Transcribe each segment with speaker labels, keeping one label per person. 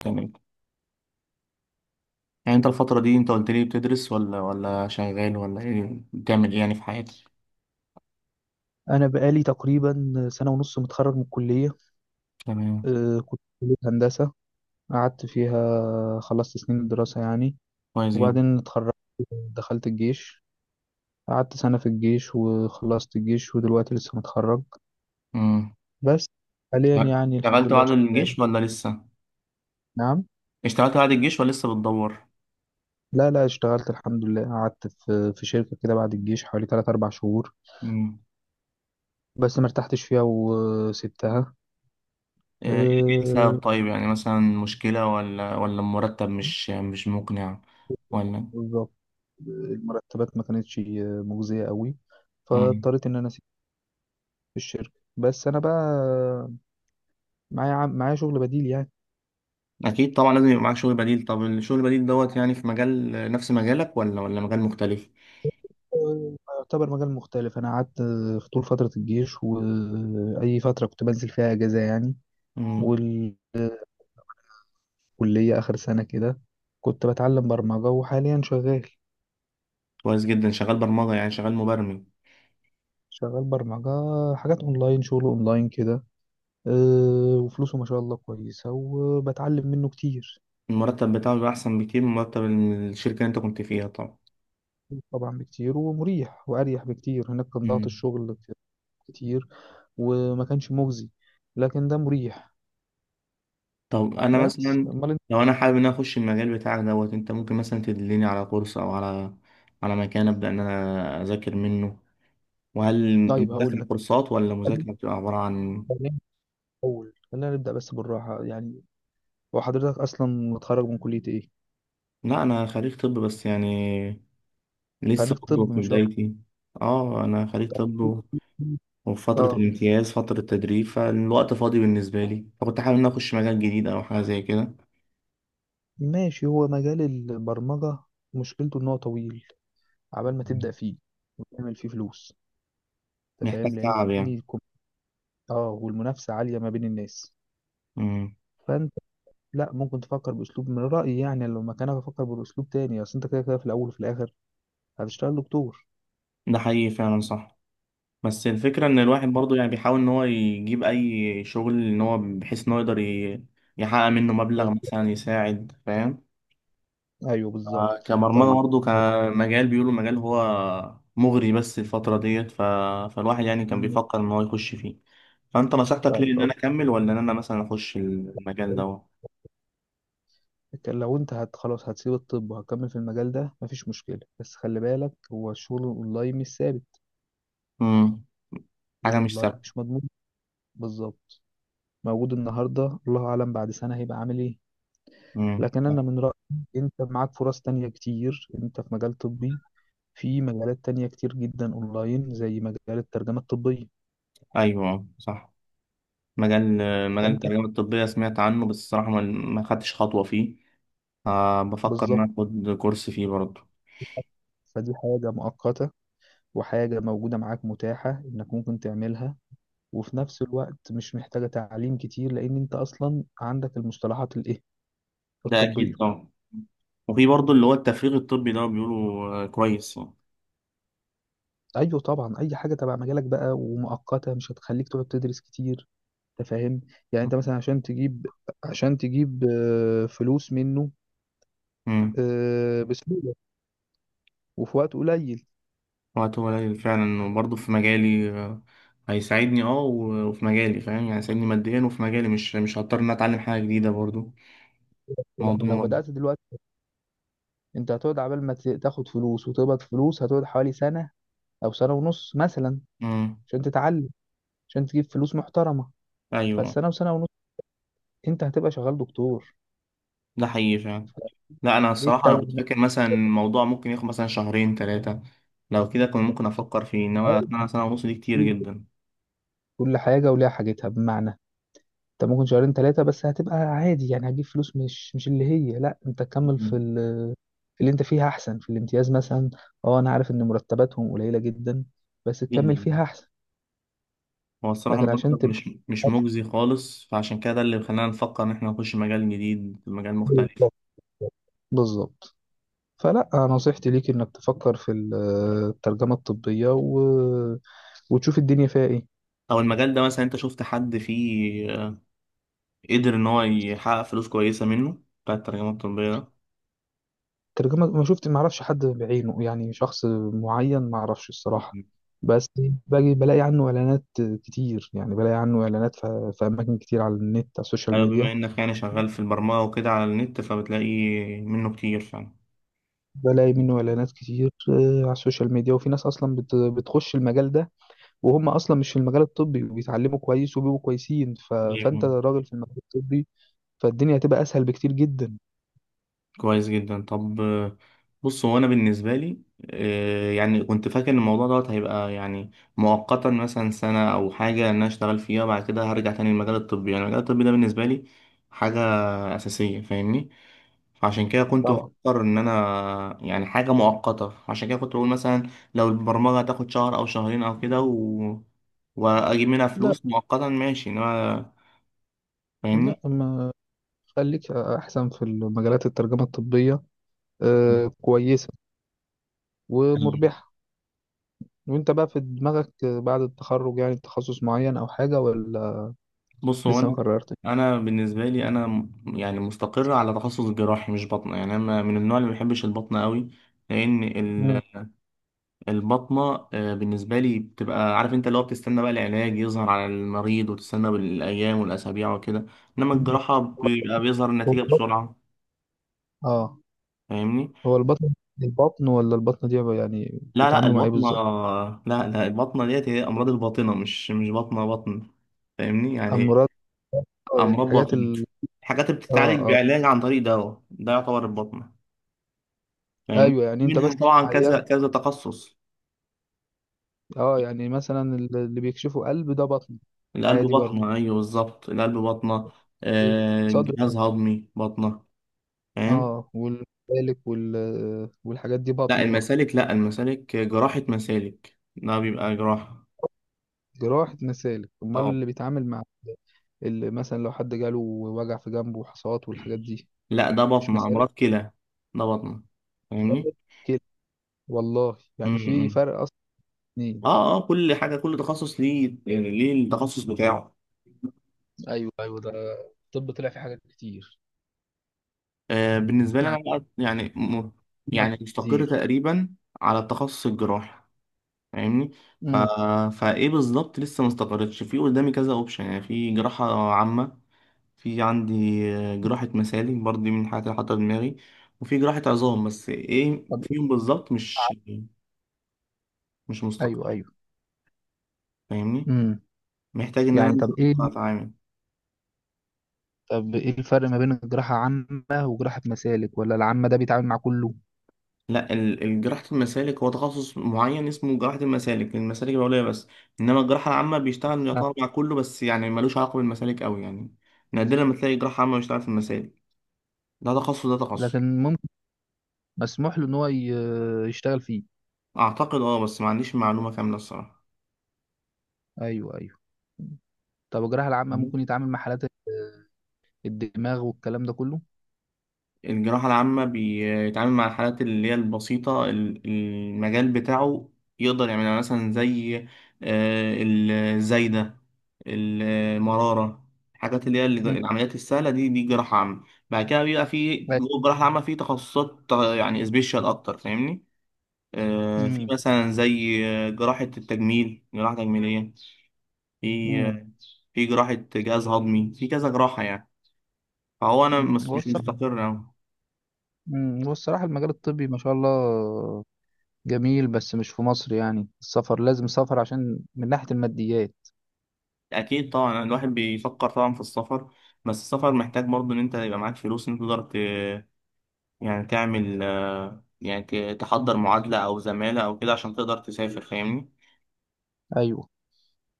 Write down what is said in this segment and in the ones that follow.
Speaker 1: تمام. يعني انت الفترة دي، انت قلت لي بتدرس ولا شغال، ولا ايه بتعمل ايه يعني في حياتك؟
Speaker 2: أنا بقالي تقريبا سنة ونص متخرج من الكلية.
Speaker 1: تمام.
Speaker 2: كنت في كلية هندسة، قعدت فيها خلصت سنين الدراسة يعني،
Speaker 1: كويس جدا.
Speaker 2: وبعدين اتخرجت، دخلت الجيش، قعدت سنة في الجيش وخلصت الجيش ودلوقتي لسه متخرج
Speaker 1: امم
Speaker 2: بس. حاليا
Speaker 1: لا،
Speaker 2: يعني الحمد
Speaker 1: اشتغلت
Speaker 2: لله
Speaker 1: بعد
Speaker 2: شغال.
Speaker 1: الجيش ولا لسه؟
Speaker 2: نعم.
Speaker 1: اشتغلت بعد الجيش ولا لسه بتدور؟
Speaker 2: لا لا اشتغلت الحمد لله، قعدت في شركة كده بعد الجيش حوالي 3 4 شهور
Speaker 1: امم
Speaker 2: بس ما ارتحتش فيها وسبتها.
Speaker 1: ايه إيه
Speaker 2: آه،
Speaker 1: السبب؟ طيب يعني مثلا مشكلة ولا المرتب مش مقنع ولا؟
Speaker 2: بالظبط، المرتبات ما كانتش مجزية قوي،
Speaker 1: امم
Speaker 2: فاضطريت ان انا في الشركة، بس أنا بقى معايا معايا شغل بديل يعني.
Speaker 1: اكيد طبعا، لازم يبقى معاك شغل بديل. طب الشغل البديل دوت يعني في مجال نفس مجالك ولا مجال مختلف؟
Speaker 2: يعتبر مجال مختلف. أنا قعدت في طول فترة الجيش وأي فترة كنت بنزل فيها أجازة يعني،
Speaker 1: امم
Speaker 2: والكلية آخر سنة كده كنت بتعلم برمجة، وحاليا شغال.
Speaker 1: كويس جدا، شغال برمجة، يعني شغال مبرمج.
Speaker 2: شغال برمجة، حاجات أونلاين، شغل أونلاين كده. وفلوسه ما شاء الله كويسة وبتعلم منه كتير.
Speaker 1: المرتب بتاعه بيبقى أحسن بكتير من مرتب الشركة اللي أنت كنت فيها طبعا.
Speaker 2: طبعا بكتير ومريح، وأريح بكتير. هناك كان ضغط
Speaker 1: مم.
Speaker 2: الشغل كتير وما كانش مجزي، لكن ده مريح.
Speaker 1: طب أنا
Speaker 2: بس
Speaker 1: مثلا،
Speaker 2: امال انت؟
Speaker 1: لو أنا حابب إن أنا أخش المجال بتاعك دوت، أنت ممكن مثلا تدلني على كورس أو على مكان أبدأ إن أنا أذاكر منه؟ وهل
Speaker 2: طيب هقول
Speaker 1: المذاكرة
Speaker 2: لك،
Speaker 1: كورسات ولا مذاكرة بتبقى عبارة عن؟
Speaker 2: خلينا الاول خلينا نبدا بس بالراحه يعني. هو حضرتك اصلا متخرج من كليه ايه؟
Speaker 1: لا، أنا خريج طب بس يعني لسه
Speaker 2: خريج
Speaker 1: برضه
Speaker 2: طب
Speaker 1: في
Speaker 2: ما شاء
Speaker 1: بدايتي. أه، أنا خريج طب
Speaker 2: الله.
Speaker 1: وفي فترة
Speaker 2: اه
Speaker 1: الامتياز، فترة تدريب، فالوقت فاضي بالنسبة لي، فكنت حابب إن أنا أخش مجال جديد أو حاجة زي كده.
Speaker 2: ماشي، هو مجال البرمجه مشكلته ان هو طويل عبال ما
Speaker 1: مم.
Speaker 2: تبدا فيه وتعمل فيه فلوس. انت
Speaker 1: محتاج
Speaker 2: فاهم لان
Speaker 1: تعب يعني.
Speaker 2: اه والمنافسه عاليه ما بين الناس.
Speaker 1: مم.
Speaker 2: فانت لا ممكن تفكر باسلوب، من رايي يعني لو مكانك افكر باسلوب تاني، اصل انت كده كده في الاول وفي الاخر هتشتغل دكتور.
Speaker 1: ده حقيقي فعلا، صح. بس الفكرة ان الواحد برضو يعني بيحاول ان هو يجيب اي شغل، ان هو بحيث ان هو يقدر يحقق منه مبلغ
Speaker 2: بز...
Speaker 1: مثلا يساعد، فاهم؟
Speaker 2: ايوه بالظبط.
Speaker 1: كبرمجة
Speaker 2: طيب
Speaker 1: برضو كمجال، بيقولوا مجال هو مغري، بس الفترة ديت، فالواحد يعني كان بيفكر ان هو يخش فيه. فانت نصيحتك ليه،
Speaker 2: طيب
Speaker 1: ان انا
Speaker 2: أقول
Speaker 1: اكمل ولا ان انا مثلا اخش المجال ده؟
Speaker 2: لك، لو انت هت خلاص هتسيب الطب وهتكمل في المجال ده مفيش مشكلة، بس خلي بالك هو الشغل الاونلاين مش ثابت.
Speaker 1: امم حاجة مش
Speaker 2: الاونلاين
Speaker 1: ثابتة.
Speaker 2: مش مضمون. بالظبط، موجود النهاردة الله اعلم بعد سنة هيبقى عامل ايه.
Speaker 1: امم
Speaker 2: لكن انا من رأيي انت معاك فرص تانية كتير، انت في مجال طبي، في مجالات تانية كتير جدا اونلاين زي مجال الترجمة الطبية.
Speaker 1: ايوه صح. مجال مجال
Speaker 2: فانت
Speaker 1: الترجمة الطبية سمعت عنه، بس الصراحة ما خدتش خطوة فيه. آه، بفكر إن
Speaker 2: بالظبط،
Speaker 1: أنا آخد كورس فيه برضه.
Speaker 2: فدي حاجة مؤقتة وحاجة موجودة معاك متاحة انك ممكن تعملها، وفي نفس الوقت مش محتاجة تعليم كتير، لأن أنت أصلا عندك المصطلحات
Speaker 1: ده أكيد
Speaker 2: الطبية.
Speaker 1: طبعا. وفي برضه اللي هو التفريغ الطبي ده، بيقولوا كويس يعني.
Speaker 2: أيوه طبعا، أي حاجة تبع مجالك بقى ومؤقتة مش هتخليك تقعد تدرس كتير. أنت فاهم يعني، أنت مثلا عشان تجيب، عشان تجيب فلوس منه،
Speaker 1: مم.
Speaker 2: بسهولة وفي وقت قليل.
Speaker 1: وقته قليل فعلا، وبرضه في مجالي هيساعدني. اه وفي مجالي، فاهم؟ يعني هيساعدني ماديا، وفي مجالي مش هضطر ان أنا اتعلم حاجة جديدة برضه. موضوع.
Speaker 2: لكن لو
Speaker 1: مم.
Speaker 2: بدأت دلوقتي أنت هتقعد عبال ما تاخد فلوس وتقبض فلوس هتقعد حوالي سنة أو سنة ونص مثلا
Speaker 1: مم.
Speaker 2: عشان تتعلم، عشان تجيب فلوس محترمة.
Speaker 1: ايوه،
Speaker 2: فالسنة وسنة ونص أنت هتبقى شغال دكتور،
Speaker 1: ده حقيقي فعلا. لا، انا
Speaker 2: فليه
Speaker 1: الصراحة انا كنت
Speaker 2: تتوه؟
Speaker 1: فاكر مثلا الموضوع ممكن ياخد مثلا شهرين ثلاثة. لو كده كنت ممكن افكر فيه، انما سنة، سنة ونص دي كتير جدا.
Speaker 2: كل حاجة وليها حاجتها، بمعنى انت ممكن شهرين ثلاثة بس هتبقى عادي يعني، هتجيب فلوس مش مش اللي هي، لا انت تكمل في
Speaker 1: مم.
Speaker 2: في اللي انت فيها احسن، في الامتياز مثلا. اه انا عارف ان مرتباتهم قليلة جدا بس تكمل
Speaker 1: جدا.
Speaker 2: فيها احسن.
Speaker 1: هو الصراحة
Speaker 2: لكن عشان
Speaker 1: المرتب
Speaker 2: تبقى
Speaker 1: مش مجزي خالص، فعشان كده ده اللي خلانا نفكر إن إحنا نخش مجال جديد، مجال مختلف.
Speaker 2: بالظبط بالظبط. فلا نصيحتي ليك انك تفكر في الترجمة الطبية، و... وتشوف الدنيا فيها ايه.
Speaker 1: أو المجال ده مثلا، أنت شفت حد فيه قدر إن هو يحقق فلوس كويسة منه، بتاع الترجمة الطبية ده؟
Speaker 2: ترجمة ما شفت، ما اعرفش حد بعينه يعني شخص معين ما اعرفش الصراحة.
Speaker 1: مم.
Speaker 2: بس باجي بلاقي عنه اعلانات كتير يعني، بلاقي عنه اعلانات في اماكن كتير على النت على السوشيال
Speaker 1: أيوة، بما
Speaker 2: ميديا.
Speaker 1: إنك يعني شغال في البرمجة وكده على النت، فبتلاقي منه كتير
Speaker 2: بلاقي منه اعلانات كتير على السوشيال ميديا، وفي ناس اصلا بتخش المجال ده وهم اصلا مش في المجال الطبي وبيتعلموا كويس وبيبقوا كويسين، ف... فانت
Speaker 1: فعلا.
Speaker 2: راجل في المجال الطبي فالدنيا هتبقى اسهل بكتير جدا.
Speaker 1: كويس جدا. طب بص هو انا بالنسبه لي يعني كنت فاكر ان الموضوع دوت هيبقى يعني مؤقتا، مثلا سنه او حاجه ان انا اشتغل فيها، وبعد كده هرجع تاني للمجال الطبي. يعني المجال الطبي ده بالنسبه لي حاجه اساسيه، فاهمني؟ فعشان كده كنت
Speaker 2: طبعا.
Speaker 1: بفكر ان انا يعني حاجه مؤقته، عشان كده كنت بقول مثلا لو البرمجه هتاخد شهر او شهرين او كده واجيب منها
Speaker 2: لا
Speaker 1: فلوس مؤقتا، ماشي. انما، فاهمني؟
Speaker 2: لا ما خليك احسن في المجالات الترجمة الطبية، كويسة ومربحة. وانت بقى في دماغك بعد التخرج يعني تخصص معين او حاجة ولا
Speaker 1: بص هو
Speaker 2: لسه ما
Speaker 1: انا
Speaker 2: قررتش؟
Speaker 1: انا بالنسبه لي انا يعني مستقر على تخصص جراحي، مش بطنه، يعني انا من النوع اللي ما بيحبش البطنه قوي، لان
Speaker 2: مم.
Speaker 1: البطنه بالنسبه لي بتبقى، عارف انت، اللي هو بتستنى بقى العلاج يظهر على المريض، وتستنى بالايام والاسابيع وكده. انما الجراحه
Speaker 2: هو
Speaker 1: بيبقى بيظهر
Speaker 2: هو
Speaker 1: النتيجه
Speaker 2: البطن،
Speaker 1: بسرعه،
Speaker 2: اه
Speaker 1: فاهمني؟
Speaker 2: هو البطن. البطن ولا البطنة دي بقى يعني
Speaker 1: لا لا
Speaker 2: بيتعاملوا مع ايه
Speaker 1: البطنه،
Speaker 2: بالظبط؟
Speaker 1: لا لا البطنه ديت هي امراض الباطنه، مش بطنه بطن، فاهمني يعني؟
Speaker 2: امراض، اه يعني
Speaker 1: امراض
Speaker 2: الحاجات
Speaker 1: باطنه.
Speaker 2: ال،
Speaker 1: الحاجات اللي
Speaker 2: اه
Speaker 1: بتتعالج
Speaker 2: اه
Speaker 1: بعلاج عن طريق دواء ده يعتبر البطنه يعني.
Speaker 2: ايوه. يعني
Speaker 1: في
Speaker 2: انت
Speaker 1: منها
Speaker 2: بس
Speaker 1: طبعا
Speaker 2: عيان؟
Speaker 1: كذا كذا تخصص.
Speaker 2: اه يعني مثلا اللي بيكشفوا قلب ده بطن،
Speaker 1: القلب
Speaker 2: عادي برضه،
Speaker 1: بطنة، أيوه بالظبط القلب بطنة.
Speaker 2: صدر،
Speaker 1: جهاز هضمي بطنة، فاهم؟
Speaker 2: اه والمسالك وال، والحاجات دي
Speaker 1: لا
Speaker 2: بطنة برضه.
Speaker 1: المسالك، لا المسالك، جراحة مسالك ده بيبقى جراحة.
Speaker 2: جراحة مسالك؟ امال
Speaker 1: اه.
Speaker 2: اللي بيتعامل مع اللي مثلا لو حد جاله وجع في جنبه وحصوات والحاجات دي،
Speaker 1: لا، ده
Speaker 2: مش
Speaker 1: بطنة،
Speaker 2: مسألة
Speaker 1: أمراض كلى، ده بطنة، فاهمني؟
Speaker 2: كده؟ والله يعني في
Speaker 1: امم
Speaker 2: فرق اصلا اتنين.
Speaker 1: اه، اه، كل حاجة كل تخصص ليه، يعني ليه التخصص بتاعه.
Speaker 2: ايوه ايوه، ده الطب طلع فيه حاجات كتير
Speaker 1: آه، بالنسبة لي أنا
Speaker 2: يعني،
Speaker 1: بقى يعني
Speaker 2: في فرق
Speaker 1: يعني مستقر
Speaker 2: كتير.
Speaker 1: تقريبا على التخصص الجراحي، فاهمني؟ ف...
Speaker 2: امم.
Speaker 1: فايه بالظبط لسه، ما استقرتش. في قدامي كذا اوبشن، يعني في جراحة عامة. في عندي جراحة مسالك برضه، دي من الحاجات اللي حاطة في دماغي. وفي جراحة عظام. بس ايه
Speaker 2: طب
Speaker 1: فيهم
Speaker 2: ايه؟
Speaker 1: بالظبط مش
Speaker 2: ايوه
Speaker 1: مستقر،
Speaker 2: ايوه،
Speaker 1: فاهمني؟
Speaker 2: امم.
Speaker 1: محتاج ان انا
Speaker 2: يعني
Speaker 1: انزل
Speaker 2: طب ايه؟
Speaker 1: اقطع اتعامل.
Speaker 2: طب ايه الفرق ما بين الجراحة عامة وجراحة مسالك؟ ولا العامة ده بيتعامل مع كله؟
Speaker 1: لا، جراحة المسالك هو تخصص معين اسمه جراحة المسالك، المسالك العليا بس. انما الجراحة العامة بيشتغل
Speaker 2: آه.
Speaker 1: يعتبر مع كله، بس يعني ملوش علاقة بالمسالك قوي يعني. نادرا ما تلاقي جراحة عامة بيشتغل في المسالك، ده تخصص ده تخصص.
Speaker 2: لكن ممكن مسموح له ان هو يشتغل فيه.
Speaker 1: اعتقد اه، بس ما عنديش معلومه كامله الصراحه.
Speaker 2: ايوه ايوه. طب الجراحة العامة ممكن
Speaker 1: مم.
Speaker 2: يتعامل مع حالات الدماغ والكلام ده كله؟
Speaker 1: الجراحه العامه بيتعامل مع الحالات اللي هي البسيطه، المجال بتاعه يقدر يعملها، يعني مثلا زي آه، الزايده، المراره، الحاجات اللي هي
Speaker 2: مم.
Speaker 1: العمليات السهله، دي جراحه عامه. بعد كده بيبقى في جوه
Speaker 2: بس.
Speaker 1: الجراحه العامه في تخصصات، يعني سبيشال اكتر، فاهمني؟ في
Speaker 2: مم.
Speaker 1: مثلا زي جراحه التجميل، جراحه تجميليه. في
Speaker 2: مم.
Speaker 1: في جراحه جهاز هضمي، في كذا جراحه يعني. فهو انا
Speaker 2: مم. هو
Speaker 1: مش
Speaker 2: الصراحة،
Speaker 1: مستقر أوي.
Speaker 2: هو الصراحة المجال الطبي ما شاء الله جميل، بس مش في مصر يعني، السفر لازم سفر عشان من ناحية الماديات.
Speaker 1: اكيد طبعا، الواحد بيفكر طبعا في السفر. بس السفر محتاج برضو ان انت يبقى معاك فلوس، ان انت تقدر يعني تعمل يعني تحضر معادلة او زمالة او كده عشان تقدر تسافر، فاهمني؟
Speaker 2: أيوه،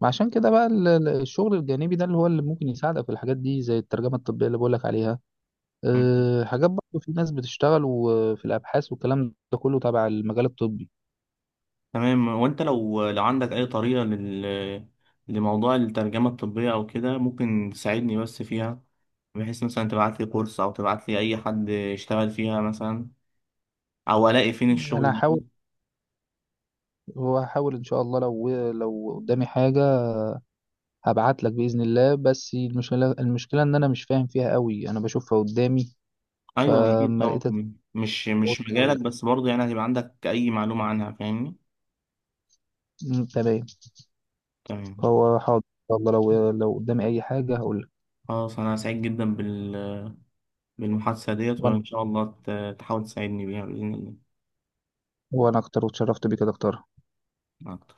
Speaker 2: ما عشان كده بقى الشغل الجانبي ده اللي هو اللي ممكن يساعدك في الحاجات دي زي الترجمة الطبية اللي بقولك عليها.
Speaker 1: مم.
Speaker 2: أه حاجات برضه في ناس بتشتغل، وفي الأبحاث والكلام ده كله تبع المجال الطبي.
Speaker 1: تمام. وانت لو عندك اي طريقة لموضوع الترجمة الطبية او كده، ممكن تساعدني بس فيها، بحيث مثلا تبعت لي كورس او تبعت لي اي حد يشتغل فيها مثلا، او الاقي فين
Speaker 2: أنا
Speaker 1: الشغل
Speaker 2: هحاول،
Speaker 1: ده.
Speaker 2: هحاول إن شاء الله، لو قدامي حاجة هبعت لك باذن الله. بس المشكله ان انا مش فاهم فيها قوي، انا بشوفها قدامي
Speaker 1: ايوه اكيد
Speaker 2: فما
Speaker 1: طبعا،
Speaker 2: لقيتك
Speaker 1: مش
Speaker 2: قلت
Speaker 1: مش
Speaker 2: أقول
Speaker 1: مجالك،
Speaker 2: لك.
Speaker 1: بس برضه يعني هتبقى عندك اي معلومه عنها، فاهمني؟
Speaker 2: أمم، تمام.
Speaker 1: تمام.
Speaker 2: فهو حاضر ان شاء الله، لو قدامي اي حاجه هقول لك.
Speaker 1: خلاص انا سعيد جدا بالمحادثه ديت،
Speaker 2: وانا
Speaker 1: وان شاء الله تحاول تساعدني بيها باذن الله.
Speaker 2: وانا اكتر، واتشرفت بيك يا دكتور.
Speaker 1: مع